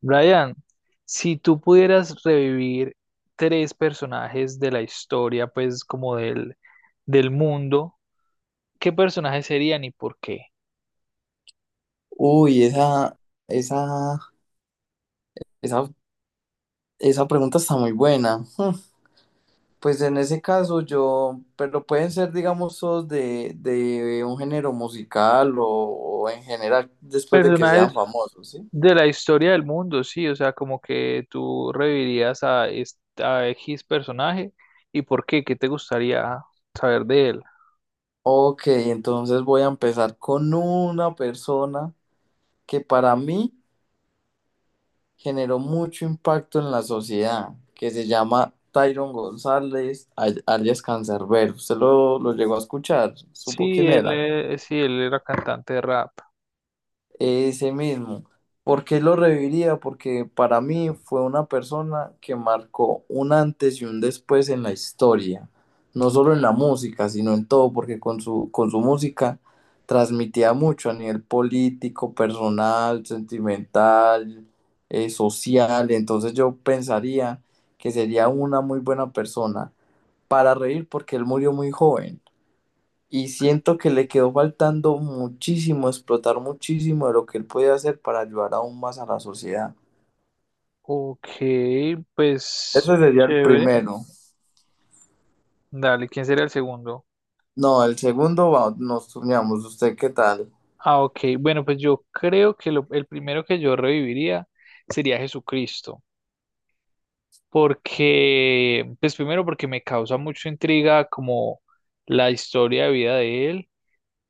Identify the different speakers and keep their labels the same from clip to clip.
Speaker 1: Brian, si tú pudieras revivir tres personajes de la historia, pues como del mundo, ¿qué personajes serían y por qué?
Speaker 2: Uy, esa, esa, esa pregunta está muy buena. Pues en ese caso yo, pero pueden ser, digamos, todos de un género musical o en general después de que
Speaker 1: Personajes
Speaker 2: sean famosos, ¿sí?
Speaker 1: de la historia del mundo, sí, o sea, como que tú revivirías a X personaje y por qué, ¿qué te gustaría saber de él?
Speaker 2: Ok, entonces voy a empezar con una persona que para mí generó mucho impacto en la sociedad, que se llama Tyron González, alias Cancerbero. ¿Usted lo llegó a escuchar? ¿Supo
Speaker 1: Sí,
Speaker 2: quién
Speaker 1: él,
Speaker 2: era?
Speaker 1: eh, sí, él era cantante de rap.
Speaker 2: Ese mismo. ¿Por qué lo reviviría? Porque para mí fue una persona que marcó un antes y un después en la historia, no solo en la música, sino en todo, porque con su música transmitía mucho a nivel político, personal, sentimental, social. Entonces yo pensaría que sería una muy buena persona para reír porque él murió muy joven. Y siento que le quedó faltando muchísimo, explotar muchísimo de lo que él puede hacer para ayudar aún más a la sociedad.
Speaker 1: Ok, pues
Speaker 2: Ese sería el
Speaker 1: chévere.
Speaker 2: primero.
Speaker 1: Dale, ¿quién sería el segundo?
Speaker 2: No, el segundo nos turnamos. ¿Usted qué tal?
Speaker 1: Ok. Bueno, pues yo creo que el primero que yo reviviría sería Jesucristo, porque, pues primero porque me causa mucha intriga como la historia de vida de él.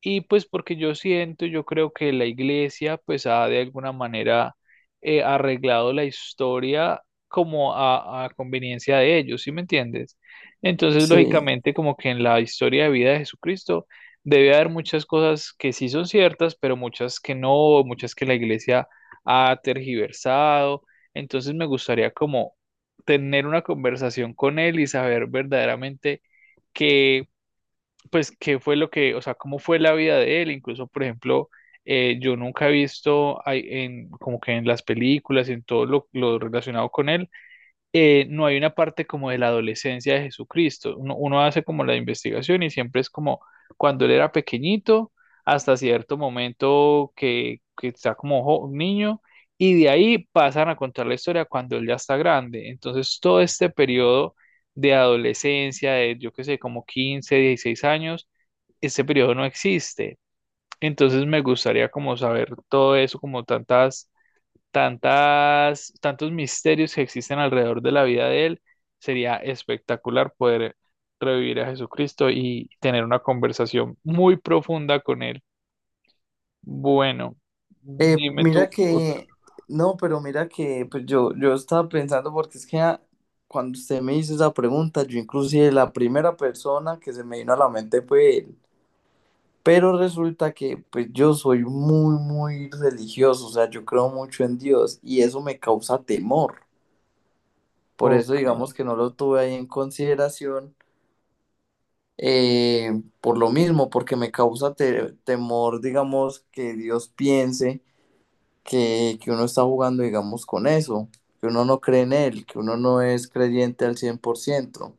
Speaker 1: Y pues porque yo siento, yo creo que la iglesia pues ha de alguna manera arreglado la historia como a conveniencia de ellos, ¿sí me entiendes? Entonces,
Speaker 2: Sí.
Speaker 1: lógicamente, como que en la historia de vida de Jesucristo debe haber muchas cosas que sí son ciertas, pero muchas que no, muchas que la iglesia ha tergiversado. Entonces, me gustaría como tener una conversación con él y saber verdaderamente que pues qué fue lo que, o sea, cómo fue la vida de él, incluso, por ejemplo, yo nunca he visto ahí en, como que en las películas y en todo lo relacionado con él, no hay una parte como de la adolescencia de Jesucristo. Uno hace como la investigación y siempre es como cuando él era pequeñito, hasta cierto momento que está como niño, y de ahí pasan a contar la historia cuando él ya está grande. Entonces, todo este periodo de adolescencia, de yo qué sé, como 15 16 años, ese periodo no existe. Entonces me gustaría como saber todo eso, como tantas, tantas, tantos misterios que existen alrededor de la vida de él. Sería espectacular poder revivir a Jesucristo y tener una conversación muy profunda con él. Bueno,
Speaker 2: Eh,
Speaker 1: dime
Speaker 2: mira
Speaker 1: tú otro.
Speaker 2: que, no, pero mira que pues yo estaba pensando porque es que cuando usted me hizo esa pregunta, yo inclusive la primera persona que se me vino a la mente fue él. Pero resulta que pues yo soy muy religioso, o sea, yo creo mucho en Dios y eso me causa temor. Por eso
Speaker 1: Ok.
Speaker 2: digamos que no lo tuve ahí en consideración, eh, por lo mismo, porque me causa temor, digamos, que Dios piense que uno está jugando, digamos, con eso, que uno no cree en Él, que uno no es creyente al 100%.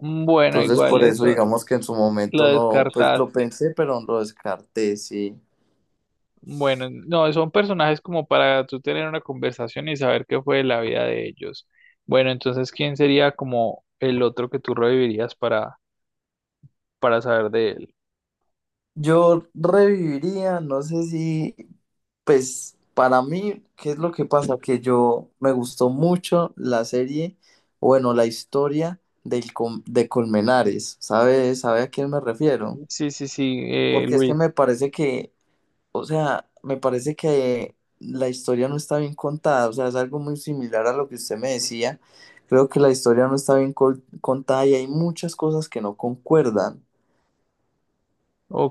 Speaker 1: Bueno,
Speaker 2: Entonces,
Speaker 1: igual
Speaker 2: por eso
Speaker 1: eso
Speaker 2: digamos que en su
Speaker 1: lo
Speaker 2: momento no, pues lo
Speaker 1: descartaste.
Speaker 2: pensé, pero lo descarté, sí.
Speaker 1: Bueno, no, son personajes como para tú tener una conversación y saber qué fue de la vida de ellos. Bueno, entonces, ¿quién sería como el otro que tú revivirías para saber de él?
Speaker 2: Yo reviviría, no sé si, pues para mí, ¿qué es lo que pasa? Que yo me gustó mucho la serie, bueno, la historia del de Colmenares, sabe a quién me refiero?
Speaker 1: Sí, sí, sí,
Speaker 2: Porque es que
Speaker 1: Luis.
Speaker 2: me parece o sea, me parece que la historia no está bien contada, o sea, es algo muy similar a lo que usted me decía. Creo que la historia no está bien contada y hay muchas cosas que no concuerdan.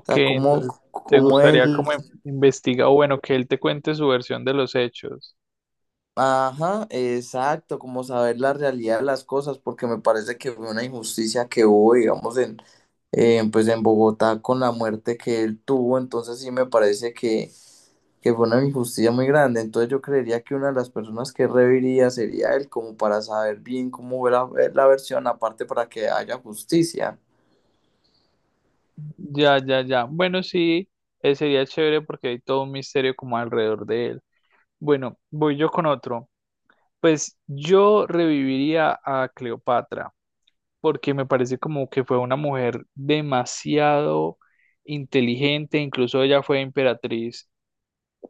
Speaker 2: O sea,
Speaker 1: entonces, ¿te
Speaker 2: como
Speaker 1: gustaría
Speaker 2: él...
Speaker 1: como investiga o bueno, que él te cuente su versión de los hechos?
Speaker 2: Ajá, exacto, como saber la realidad de las cosas, porque me parece que fue una injusticia que hubo, digamos, pues en Bogotá con la muerte que él tuvo, entonces sí me parece que fue una injusticia muy grande, entonces yo creería que una de las personas que reviría sería él, como para saber bien cómo fue la versión, aparte para que haya justicia.
Speaker 1: Ya, ya, ya. Bueno, sí, sería chévere porque hay todo un misterio como alrededor de él. Bueno, voy yo con otro. Pues yo reviviría a Cleopatra. Porque me parece como que fue una mujer demasiado inteligente, incluso ella fue emperatriz,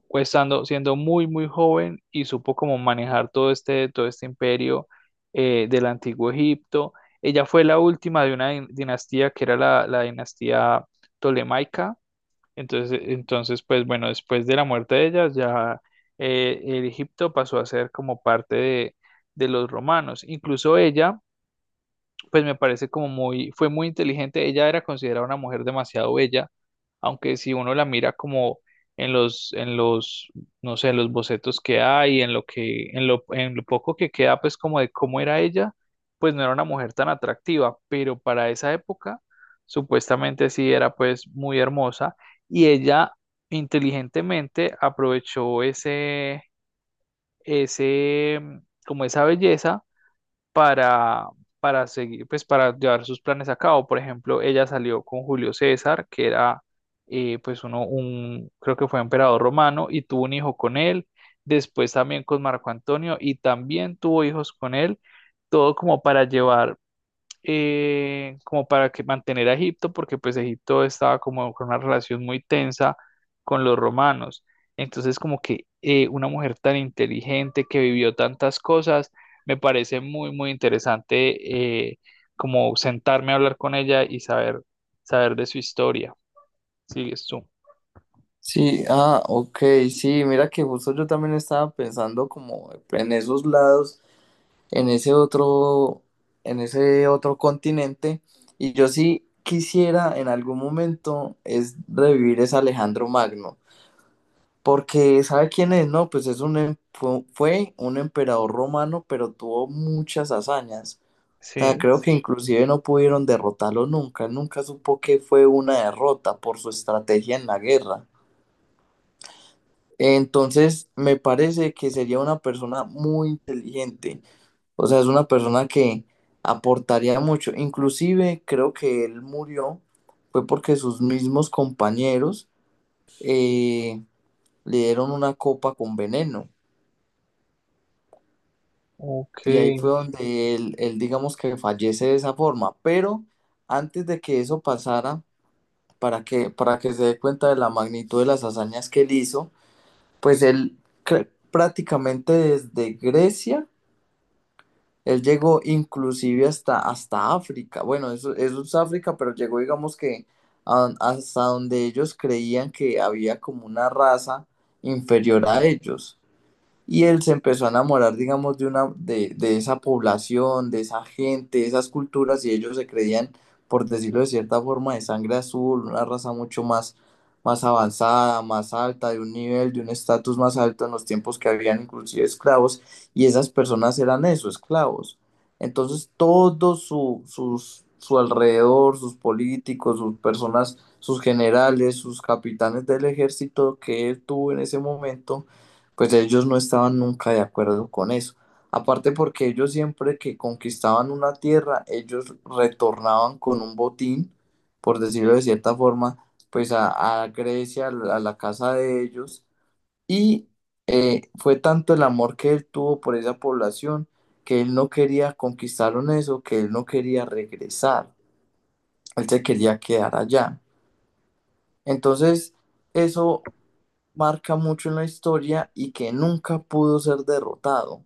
Speaker 1: pues siendo muy, muy joven y supo como manejar todo este imperio del antiguo Egipto. Ella fue la última de una dinastía que era la dinastía tolemaica. Entonces, pues bueno, después de la muerte de ella, ya el Egipto pasó a ser como parte de los romanos. Incluso ella pues me parece como muy, fue muy inteligente. Ella era considerada una mujer demasiado bella, aunque si uno la mira como en los, en los, no sé, en los bocetos que hay, en lo poco que queda, pues como de cómo era ella, pues no era una mujer tan atractiva, pero para esa época, supuestamente sí era pues muy hermosa y ella inteligentemente aprovechó ese, como esa belleza para, para seguir, pues para llevar sus planes a cabo. Por ejemplo, ella salió con Julio César, que era pues creo que fue emperador romano, y tuvo un hijo con él, después también con Marco Antonio, y también tuvo hijos con él, todo como para llevar como para que mantener a Egipto, porque pues Egipto estaba como con una relación muy tensa con los romanos. Entonces, como que una mujer tan inteligente que vivió tantas cosas, me parece muy, muy interesante como sentarme a hablar con ella y saber, saber de su historia. Sigues tú.
Speaker 2: Sí, ah, ok, sí, mira que justo yo también estaba pensando como en esos lados. en ese otro, en ese otro continente. Y yo sí quisiera en algún momento es revivir ese Alejandro Magno, porque ¿sabe quién es? No, pues es un, fue un emperador romano, pero tuvo muchas hazañas. O sea,
Speaker 1: Sí,
Speaker 2: creo que inclusive no pudieron derrotarlo nunca. Él nunca supo que fue una derrota por su estrategia en la guerra. Entonces, me parece que sería una persona muy inteligente. O sea, es una persona que aportaría mucho. Inclusive creo que él murió fue porque sus mismos compañeros eh, le dieron una copa con veneno.
Speaker 1: ok,
Speaker 2: Y ahí fue donde él, digamos que fallece de esa forma. Pero antes de que eso pasara, para para que se dé cuenta de la magnitud de las hazañas que él hizo, pues él prácticamente desde Grecia, él llegó inclusive hasta África. Bueno, eso es África, pero llegó, digamos que hasta donde ellos creían que había como una raza inferior a ellos. Y él se empezó a enamorar, digamos, de de esa población, de esa gente, de esas culturas, y ellos se creían, por decirlo de cierta forma, de sangre azul, una raza mucho más, más avanzada, más alta, de un nivel, de un estatus más alto en los tiempos que habían inclusive esclavos, y esas personas eran eso, esclavos. Entonces, todo su alrededor, sus políticos, sus personas, sus generales, sus capitanes del ejército que él tuvo en ese momento, pues ellos no estaban nunca de acuerdo con eso. Aparte porque ellos siempre que conquistaban una tierra, ellos retornaban con un botín, por decirlo de cierta forma, pues a Grecia, a la casa de ellos. Y fue tanto el amor que él tuvo por esa población que él no quería conquistaron eso, que él no quería regresar. Él se quería quedar allá. Entonces, eso marca mucho en la historia y que nunca pudo ser derrotado.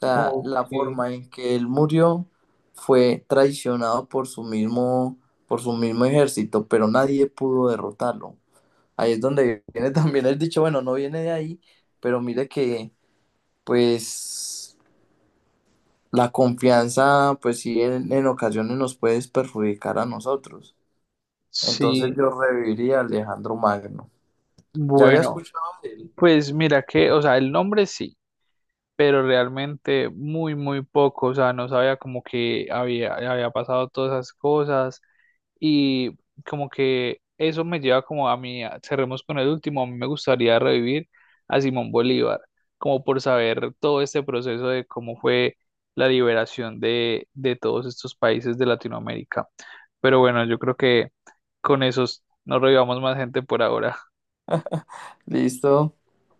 Speaker 2: Sea,
Speaker 1: ok,
Speaker 2: la forma en que él murió fue traicionado por su mismo ejército, pero nadie pudo derrotarlo. Ahí es donde viene también el dicho, bueno, no viene de ahí, pero mire que, pues, la confianza, pues sí, en ocasiones nos puede perjudicar a nosotros. Entonces
Speaker 1: sí,
Speaker 2: yo reviviría a Alejandro Magno. ¿Ya había
Speaker 1: bueno,
Speaker 2: escuchado de él?
Speaker 1: pues mira que, o sea, el nombre sí, pero realmente muy, muy poco, o sea, no sabía como que había, había pasado todas esas cosas y como que eso me lleva como a mí, a- cerremos con el último, a mí me gustaría revivir a Simón Bolívar, como por saber todo este proceso de cómo fue la liberación de todos estos países de Latinoamérica. Pero bueno, yo creo que con esos no revivamos más gente por ahora.
Speaker 2: Listo.